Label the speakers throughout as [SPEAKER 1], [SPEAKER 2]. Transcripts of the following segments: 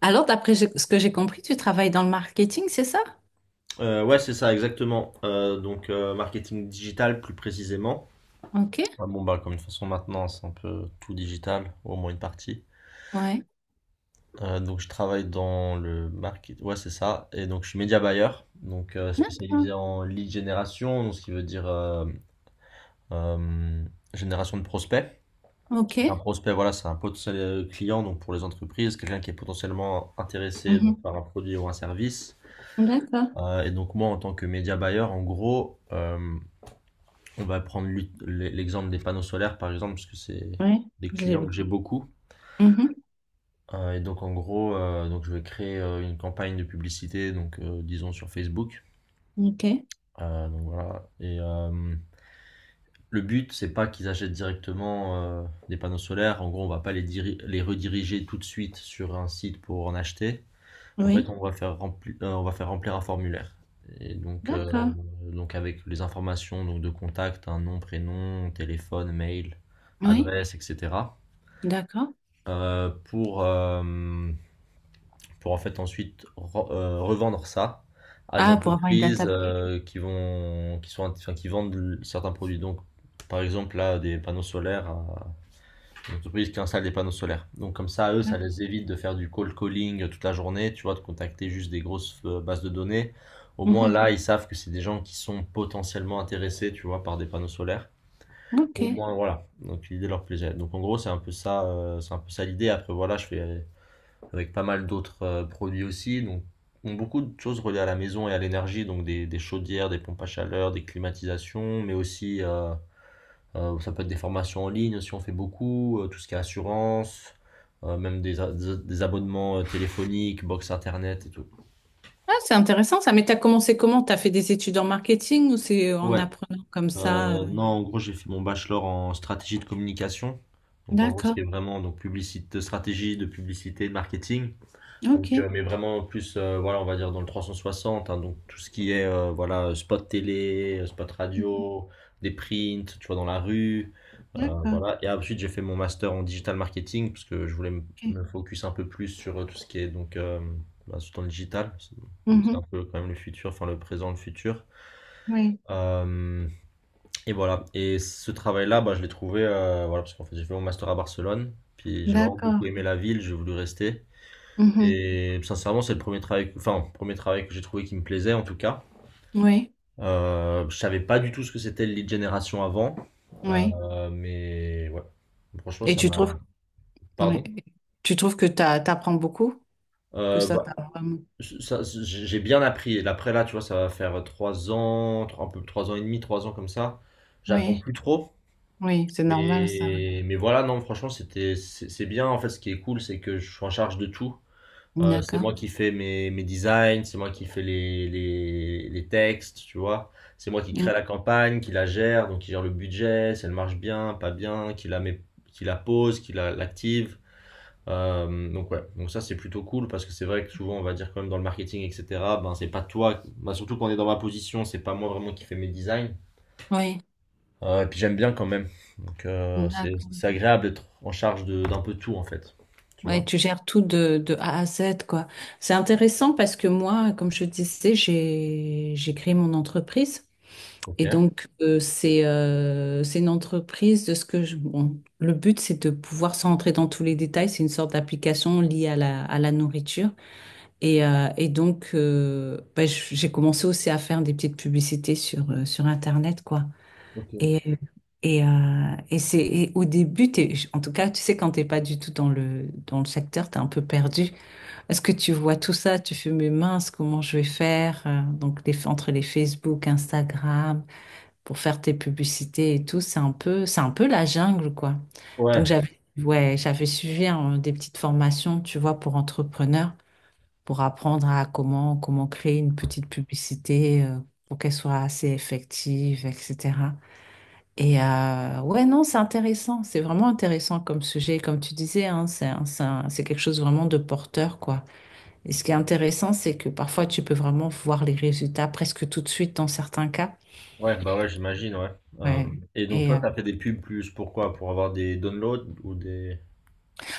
[SPEAKER 1] Alors, d'après ce que j'ai compris, tu travailles dans le marketing, c'est ça?
[SPEAKER 2] Ouais, c'est ça, exactement. Marketing digital plus précisément.
[SPEAKER 1] Ok,
[SPEAKER 2] Ah bon, bah, comme de toute façon, maintenant, c'est un peu tout digital, au moins une partie.
[SPEAKER 1] ouais.
[SPEAKER 2] Donc, je travaille dans le market. Ouais, c'est ça. Et donc, je suis media buyer, donc
[SPEAKER 1] D'accord.
[SPEAKER 2] spécialisé en lead génération, donc ce qui veut dire euh, génération de prospects.
[SPEAKER 1] Ok.
[SPEAKER 2] Un prospect, voilà, c'est un potentiel client donc pour les entreprises, quelqu'un qui est potentiellement intéressé donc,
[SPEAKER 1] Mhm.
[SPEAKER 2] par un produit ou un service.
[SPEAKER 1] D'accord.
[SPEAKER 2] Et donc moi, en tant que média buyer, en gros, on va prendre l'exemple des panneaux solaires, par exemple, parce que c'est
[SPEAKER 1] Oui.
[SPEAKER 2] des clients que j'ai beaucoup.
[SPEAKER 1] Mhm.
[SPEAKER 2] Et donc, en gros, donc je vais créer une campagne de publicité, donc disons sur Facebook.
[SPEAKER 1] Ok.
[SPEAKER 2] Donc voilà. Et le but, c'est pas qu'ils achètent directement des panneaux solaires. En gros, on va pas les, les rediriger tout de suite sur un site pour en acheter. En fait,
[SPEAKER 1] Oui.
[SPEAKER 2] on va faire remplir un formulaire. Et donc, euh,
[SPEAKER 1] D'accord.
[SPEAKER 2] donc avec les informations donc de contact, un nom, prénom, téléphone, mail,
[SPEAKER 1] Oui.
[SPEAKER 2] adresse, etc.
[SPEAKER 1] D'accord.
[SPEAKER 2] Pour, pour en fait ensuite revendre ça à des
[SPEAKER 1] Ah, pour avoir une
[SPEAKER 2] entreprises
[SPEAKER 1] database.
[SPEAKER 2] qui vont, qui sont, enfin, qui vendent certains produits. Donc, par exemple, là, des panneaux solaires. L'entreprise qui installe des panneaux solaires. Donc comme ça, eux,
[SPEAKER 1] Ouais.
[SPEAKER 2] ça les évite de faire du cold calling toute la journée, tu vois, de contacter juste des grosses bases de données. Au moins
[SPEAKER 1] Mhm.
[SPEAKER 2] là, ils savent que c'est des gens qui sont potentiellement intéressés, tu vois, par des panneaux solaires.
[SPEAKER 1] Ok.
[SPEAKER 2] Au moins, voilà. Donc l'idée leur plaisait. Donc en gros, c'est un peu ça, c'est un peu ça l'idée. Après, voilà, je fais avec pas mal d'autres produits aussi. Donc ont beaucoup de choses reliées à la maison et à l'énergie, donc des chaudières, des pompes à chaleur, des climatisations, mais aussi ça peut être des formations en ligne si on fait beaucoup, tout ce qui est assurance, même des abonnements téléphoniques, box internet et tout.
[SPEAKER 1] Ah, c'est intéressant ça. Mais tu as commencé comment? Tu as fait des études en marketing ou c'est en
[SPEAKER 2] Ouais,
[SPEAKER 1] apprenant comme ça?
[SPEAKER 2] non, en gros, j'ai fait mon bachelor en stratégie de communication. Donc, en gros, ce
[SPEAKER 1] D'accord.
[SPEAKER 2] qui est vraiment donc, publicité, stratégie de publicité, de marketing.
[SPEAKER 1] Ok.
[SPEAKER 2] Mais vraiment plus, voilà, on va dire dans le 360, hein, donc tout ce qui est voilà, spot télé, spot radio, des prints, tu vois, dans la rue,
[SPEAKER 1] D'accord.
[SPEAKER 2] voilà. Et ensuite, j'ai fait mon master en digital marketing parce que je voulais me
[SPEAKER 1] Ok.
[SPEAKER 2] me focus un peu plus sur tout ce qui est donc bah, surtout dans le digital. C'est c'est
[SPEAKER 1] Mhm.
[SPEAKER 2] un peu quand même le futur, enfin le présent, le futur.
[SPEAKER 1] Oui.
[SPEAKER 2] Euh, et voilà. Et ce travail-là, bah, je l'ai trouvé, voilà, parce qu'en fait, j'ai fait mon master à Barcelone, puis j'ai vraiment beaucoup
[SPEAKER 1] D'accord.
[SPEAKER 2] aimé la ville, j'ai voulu rester.
[SPEAKER 1] Mhm.
[SPEAKER 2] Et sincèrement, c'est le premier travail, enfin, premier travail que j'ai trouvé qui me plaisait en tout cas.
[SPEAKER 1] Oui.
[SPEAKER 2] Je savais pas du tout ce que c'était le lead generation avant,
[SPEAKER 1] Oui.
[SPEAKER 2] mais ouais. Franchement,
[SPEAKER 1] Et
[SPEAKER 2] ça
[SPEAKER 1] tu
[SPEAKER 2] m'a.
[SPEAKER 1] trouves Ouais.
[SPEAKER 2] Pardon?
[SPEAKER 1] Tu trouves que t'apprends beaucoup? Que
[SPEAKER 2] Euh,
[SPEAKER 1] ça
[SPEAKER 2] bah,
[SPEAKER 1] t'a vraiment...
[SPEAKER 2] j'ai bien appris. Et après là, tu vois, ça va faire trois ans, un peu trois ans et demi, trois ans comme ça. J'apprends
[SPEAKER 1] Oui,
[SPEAKER 2] plus trop,
[SPEAKER 1] oui, c'est normal ça,
[SPEAKER 2] mais voilà, non, franchement, c'est c'est bien. En fait, ce qui est cool, c'est que je suis en charge de tout.
[SPEAKER 1] oui.
[SPEAKER 2] C'est
[SPEAKER 1] D'accord.
[SPEAKER 2] moi qui fais mes designs, c'est moi qui fais les textes, tu vois. C'est moi qui
[SPEAKER 1] Mm.
[SPEAKER 2] crée la campagne, qui la gère, donc qui gère le budget, si elle marche bien, pas bien, qui la met, qui la pose, qui la, l'active. Donc ça c'est plutôt cool parce que c'est vrai que souvent on va dire quand même dans le marketing, etc., ben c'est pas toi, ben, surtout quand on est dans ma position, c'est pas moi vraiment qui fais mes designs.
[SPEAKER 1] Oui,
[SPEAKER 2] Et puis j'aime bien quand même. Donc c'est
[SPEAKER 1] d'accord.
[SPEAKER 2] c'est agréable d'être en charge d'un peu tout en fait. Tu vois?
[SPEAKER 1] Ouais, tu gères tout de A à Z, quoi. C'est intéressant parce que moi, comme je te disais, j'ai créé mon entreprise. Et
[SPEAKER 2] Ok.
[SPEAKER 1] donc, c'est une entreprise de ce que je... Bon, le but, c'est de pouvoir, sans rentrer dans tous les détails, c'est une sorte d'application liée à la nourriture. Et donc, bah, j'ai commencé aussi à faire des petites publicités sur Internet, quoi.
[SPEAKER 2] Ok.
[SPEAKER 1] Et, et, euh, et au début, en tout cas, tu sais, quand t'es pas du tout dans le secteur, t'es un peu perdu. Est-ce que tu vois tout ça? Tu fais, mais mince, comment je vais faire? Donc, entre les Facebook, Instagram, pour faire tes publicités et tout, c'est un peu la jungle, quoi.
[SPEAKER 2] Ouais,
[SPEAKER 1] Donc, j'avais suivi hein, des petites formations, tu vois, pour entrepreneurs pour apprendre à comment créer une petite publicité pour qu'elle soit assez effective, etc. Et ouais, non, c'est intéressant, c'est vraiment intéressant comme sujet, comme tu disais, hein, c'est quelque chose vraiment de porteur, quoi. Et ce qui est intéressant, c'est que parfois tu peux vraiment voir les résultats presque tout de suite dans certains cas.
[SPEAKER 2] ouais, bah ouais, j'imagine, ouais. Euh,
[SPEAKER 1] Ouais.
[SPEAKER 2] et donc
[SPEAKER 1] Et
[SPEAKER 2] toi, t'as fait des pubs plus pourquoi? Pour avoir des downloads ou des...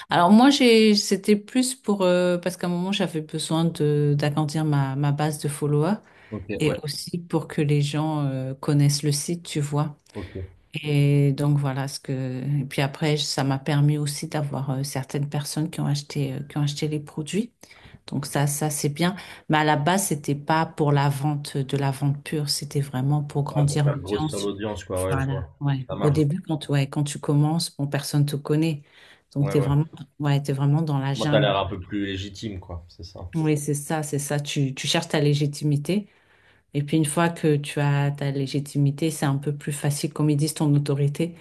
[SPEAKER 1] alors moi j'ai c'était plus pour parce qu'à un moment j'avais besoin de d'agrandir ma base de followers.
[SPEAKER 2] Ok,
[SPEAKER 1] Et
[SPEAKER 2] ouais,
[SPEAKER 1] aussi pour que les gens connaissent le site, tu vois.
[SPEAKER 2] ok.
[SPEAKER 1] Et donc voilà ce que. Et puis après, ça m'a permis aussi d'avoir certaines personnes qui ont acheté, les produits. Donc ça c'est bien. Mais à la base, c'était pas pour la vente, de la vente pure. C'était vraiment pour
[SPEAKER 2] Ouais, pour
[SPEAKER 1] grandir
[SPEAKER 2] faire grosse sur
[SPEAKER 1] l'audience.
[SPEAKER 2] l'audience, quoi, ouais, je
[SPEAKER 1] Voilà.
[SPEAKER 2] vois.
[SPEAKER 1] Ouais.
[SPEAKER 2] Ça
[SPEAKER 1] Au
[SPEAKER 2] marche.
[SPEAKER 1] début, quand tu commences, bon, personne te connaît. Donc
[SPEAKER 2] Ouais,
[SPEAKER 1] t'es
[SPEAKER 2] ouais.
[SPEAKER 1] vraiment, ouais, t'es vraiment dans la
[SPEAKER 2] Moi, t'as l'air
[SPEAKER 1] jungle.
[SPEAKER 2] un peu plus légitime, quoi, c'est ça.
[SPEAKER 1] Oui, c'est ça, c'est ça. Tu cherches ta légitimité. Et puis une fois que tu as ta légitimité, c'est un peu plus facile, comme ils disent, ton autorité.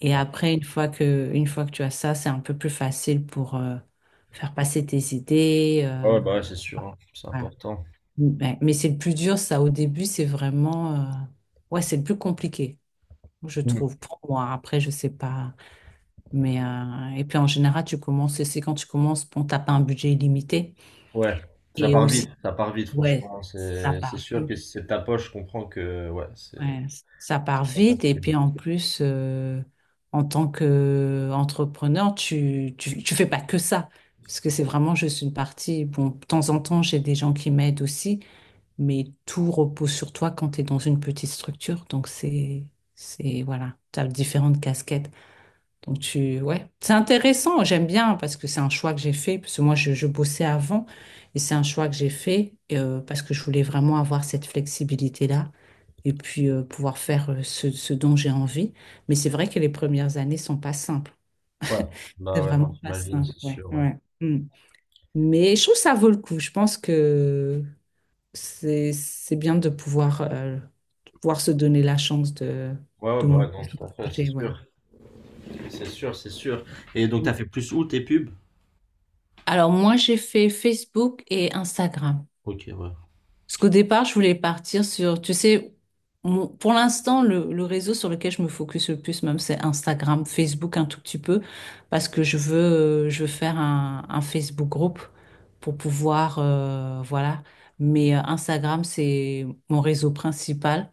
[SPEAKER 1] Et
[SPEAKER 2] Ouais,
[SPEAKER 1] après, une fois que tu as ça, c'est un peu plus facile pour faire passer tes idées.
[SPEAKER 2] ah ouais, bah ouais, c'est sûr, hein, c'est
[SPEAKER 1] Voilà.
[SPEAKER 2] important.
[SPEAKER 1] Mais c'est le plus dur, ça, au début, c'est vraiment... ouais, c'est le plus compliqué, je
[SPEAKER 2] Hmm.
[SPEAKER 1] trouve, pour moi. Après, je sais pas. Mais, et puis en général, tu commences, c'est quand tu commences, bon, t'as pas un budget illimité.
[SPEAKER 2] Ouais,
[SPEAKER 1] Et aussi,
[SPEAKER 2] ça part vite,
[SPEAKER 1] ouais,
[SPEAKER 2] franchement, hein.
[SPEAKER 1] ça
[SPEAKER 2] C'est
[SPEAKER 1] part
[SPEAKER 2] sûr que
[SPEAKER 1] vite.
[SPEAKER 2] si c'est de ta poche, je comprends que, ouais, c'est
[SPEAKER 1] Ouais, ça part
[SPEAKER 2] c'est pas
[SPEAKER 1] vite et
[SPEAKER 2] facile.
[SPEAKER 1] puis en plus, en tant qu'entrepreneur, tu fais pas que ça, parce que c'est vraiment juste une partie. Bon, de temps en temps, j'ai des gens qui m'aident aussi, mais tout repose sur toi quand tu es dans une petite structure. Donc c'est, voilà, tu as différentes casquettes. Donc ouais, c'est intéressant. J'aime bien parce que c'est un choix que j'ai fait parce que moi je bossais avant et c'est un choix que j'ai fait parce que je voulais vraiment avoir cette flexibilité-là et puis pouvoir faire ce dont j'ai envie. Mais c'est vrai que les premières années sont pas simples.
[SPEAKER 2] Ouais, bah
[SPEAKER 1] C'est
[SPEAKER 2] ouais, non,
[SPEAKER 1] vraiment pas
[SPEAKER 2] j'imagine,
[SPEAKER 1] simple.
[SPEAKER 2] c'est
[SPEAKER 1] Ouais,
[SPEAKER 2] sûr, ouais.
[SPEAKER 1] ouais. Mm. Mais je trouve que ça vaut le coup. Je pense que c'est bien de pouvoir se donner la chance de
[SPEAKER 2] Ouais, ouais, bah ouais, non,
[SPEAKER 1] monter son
[SPEAKER 2] tout à fait, c'est
[SPEAKER 1] projet. Ouais.
[SPEAKER 2] sûr. C'est sûr, c'est sûr. Et donc, t'as fait plus où tes pubs?
[SPEAKER 1] Alors moi, j'ai fait Facebook et Instagram.
[SPEAKER 2] Ok, ouais.
[SPEAKER 1] Parce qu'au départ, je voulais partir sur, tu sais, pour l'instant, le réseau sur lequel je me focus le plus, même, c'est Instagram, Facebook un tout petit peu, parce que je veux faire un, Facebook groupe pour pouvoir, voilà. Mais Instagram, c'est mon réseau principal.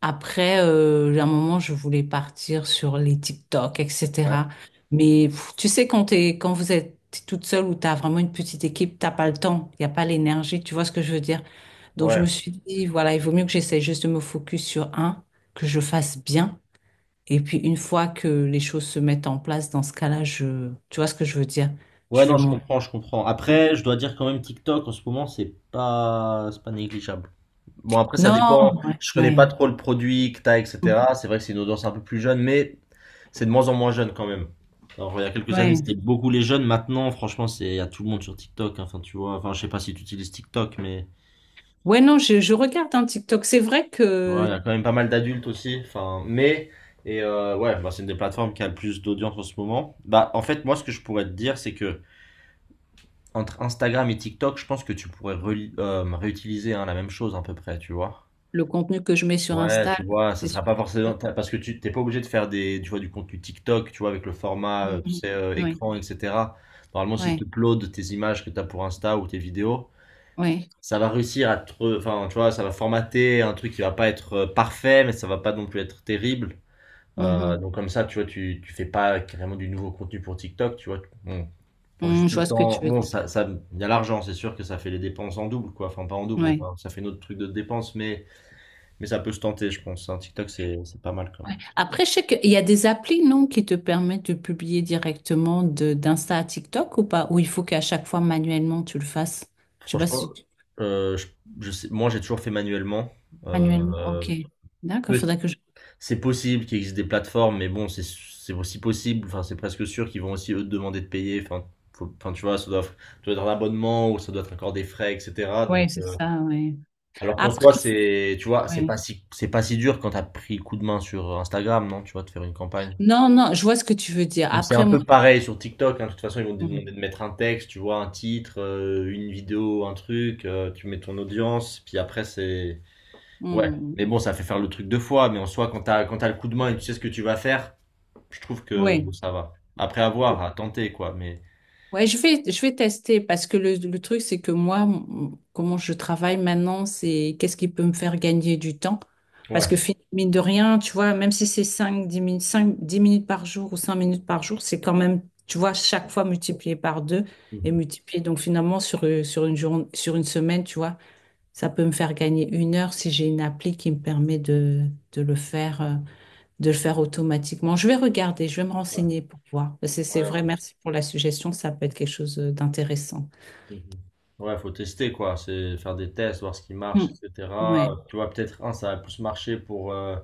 [SPEAKER 1] Après, à un moment, je voulais partir sur les TikTok,
[SPEAKER 2] Ouais,
[SPEAKER 1] etc. Mais pff, tu sais, quand t'es, quand vous êtes toute seule ou t'as vraiment une petite équipe, t'as pas le temps, il n'y a pas l'énergie, tu vois ce que je veux dire? Donc, je me
[SPEAKER 2] ouais.
[SPEAKER 1] suis dit, voilà, il vaut mieux que j'essaie juste de me focus sur un, que je fasse bien. Et puis, une fois que les choses se mettent en place, dans ce cas-là, tu vois ce que je veux dire?
[SPEAKER 2] Ouais,
[SPEAKER 1] Je vais
[SPEAKER 2] non, je
[SPEAKER 1] monter.
[SPEAKER 2] comprends, je comprends. Après, je dois dire quand même TikTok en ce moment, c'est pas négligeable. Bon, après, ça
[SPEAKER 1] Non,
[SPEAKER 2] dépend.
[SPEAKER 1] ouais,
[SPEAKER 2] Je connais pas
[SPEAKER 1] ouais.
[SPEAKER 2] trop le produit que t'as, etc. C'est vrai que c'est une audience un peu plus jeune, mais c'est de moins en moins jeune quand même. Alors, il y a quelques années,
[SPEAKER 1] Ouais,
[SPEAKER 2] c'était beaucoup les jeunes. Maintenant, franchement, c'est à tout le monde sur TikTok, hein. Enfin, tu vois, enfin, je sais pas si tu utilises TikTok, mais
[SPEAKER 1] ouais, non, je regarde un TikTok. C'est vrai
[SPEAKER 2] ouais, il y
[SPEAKER 1] que
[SPEAKER 2] a quand même pas mal d'adultes aussi. Enfin, mais ouais, bah, c'est une des plateformes qui a le plus d'audience en ce moment. Bah, en fait, moi, ce que je pourrais te dire, c'est que entre Instagram et TikTok, je pense que tu pourrais réutiliser hein, la même chose à peu près, tu vois.
[SPEAKER 1] le contenu que je mets sur
[SPEAKER 2] Ouais,
[SPEAKER 1] Insta,
[SPEAKER 2] tu vois, ça
[SPEAKER 1] c'est
[SPEAKER 2] sera
[SPEAKER 1] sur...
[SPEAKER 2] pas forcément parce que tu t'es pas obligé de faire des, tu vois, du contenu TikTok, tu vois, avec le format, tu
[SPEAKER 1] Mhm.
[SPEAKER 2] sais,
[SPEAKER 1] Oui,
[SPEAKER 2] écran, etc. Normalement, si tu
[SPEAKER 1] oui,
[SPEAKER 2] uploads tes images que tu as pour Insta ou tes vidéos,
[SPEAKER 1] oui.
[SPEAKER 2] ça va réussir à enfin, tu vois, ça va formater un truc qui va pas être parfait, mais ça va pas non plus être terrible.
[SPEAKER 1] Mhm.
[SPEAKER 2] Donc comme ça, tu vois, tu fais pas carrément du nouveau contenu pour TikTok, tu vois. Bon, prends juste
[SPEAKER 1] Mhm, je
[SPEAKER 2] le
[SPEAKER 1] vois ce que
[SPEAKER 2] temps.
[SPEAKER 1] tu veux
[SPEAKER 2] Bon,
[SPEAKER 1] dire.
[SPEAKER 2] il y a l'argent, c'est sûr que ça fait les dépenses en double, quoi. Enfin, pas en double, mais
[SPEAKER 1] Oui.
[SPEAKER 2] enfin, ça fait notre truc de dépenses, mais ça peut se tenter, je pense. Un TikTok, c'est pas mal quand même.
[SPEAKER 1] Ouais. Après, je sais qu'il y a des applis, non, qui te permettent de publier directement de d'Insta à TikTok ou pas? Ou il faut qu'à chaque fois manuellement tu le fasses? Je sais pas
[SPEAKER 2] Franchement,
[SPEAKER 1] si tu...
[SPEAKER 2] euh, je, je sais, moi, j'ai toujours fait manuellement.
[SPEAKER 1] manuellement.
[SPEAKER 2] Euh,
[SPEAKER 1] Ok. D'accord,
[SPEAKER 2] peut-
[SPEAKER 1] faudrait que je.
[SPEAKER 2] c'est possible qu'il existe des plateformes, mais bon, c'est aussi possible. Enfin, c'est presque sûr qu'ils vont aussi eux te demander de payer. Enfin, tu vois, ça doit être un abonnement ou ça doit être encore des frais, etc.
[SPEAKER 1] Oui,
[SPEAKER 2] Donc
[SPEAKER 1] c'est
[SPEAKER 2] euh,
[SPEAKER 1] ça, oui.
[SPEAKER 2] Alors qu'en
[SPEAKER 1] Après,
[SPEAKER 2] soi, c'est, tu vois,
[SPEAKER 1] oui.
[SPEAKER 2] c'est pas si dur quand t'as pris coup de main sur Instagram, non, tu vois, de faire une campagne.
[SPEAKER 1] Non, non, je vois ce que tu veux dire.
[SPEAKER 2] Donc c'est un
[SPEAKER 1] Après, moi.
[SPEAKER 2] peu pareil sur TikTok, hein. De toute façon, ils vont te demander de mettre un texte, tu vois, un titre, une vidéo, un truc, tu mets ton audience, puis après c'est, ouais. Mais bon, ça fait faire le truc deux fois, mais en soi, quand t'as le coup de main et tu sais ce que tu vas faire, je trouve que
[SPEAKER 1] Oui.
[SPEAKER 2] ça va. À voir, à tenter, quoi, mais.
[SPEAKER 1] Ouais, je vais tester parce que le truc, c'est que moi, comment je travaille maintenant, c'est qu'est-ce qui peut me faire gagner du temps? Parce
[SPEAKER 2] Ouais.
[SPEAKER 1] que fin mine de rien, tu vois, même si c'est 5 10 minutes par jour ou 5 minutes par jour, c'est quand même, tu vois, chaque fois multiplié par deux et
[SPEAKER 2] Mhm.
[SPEAKER 1] multiplié. Donc finalement, sur une journée, sur une semaine, tu vois, ça peut me faire gagner une heure si j'ai une appli qui me permet de le faire. De le faire automatiquement. Je vais regarder, je vais me
[SPEAKER 2] Ouais,
[SPEAKER 1] renseigner pour voir. C'est,
[SPEAKER 2] ouais,
[SPEAKER 1] c'est vrai,
[SPEAKER 2] ouais.
[SPEAKER 1] merci pour la suggestion, ça peut être quelque chose d'intéressant.
[SPEAKER 2] Mhm. Ouais, faut tester quoi, c'est faire des tests, voir ce qui
[SPEAKER 1] Hmm.
[SPEAKER 2] marche, etc.
[SPEAKER 1] Ouais,
[SPEAKER 2] Tu vois, peut-être un, ça va plus marcher pour, euh,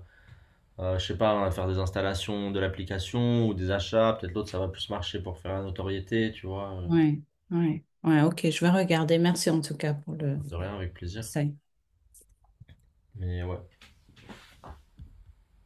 [SPEAKER 2] euh, je sais pas, hein, faire des installations de l'application ou des achats. Peut-être l'autre, ça va plus marcher pour faire la notoriété, tu vois.
[SPEAKER 1] ouais, ouais, ouais, ok, je vais regarder. Merci en tout cas pour le
[SPEAKER 2] De rien, avec plaisir.
[SPEAKER 1] conseil.
[SPEAKER 2] Mais ouais.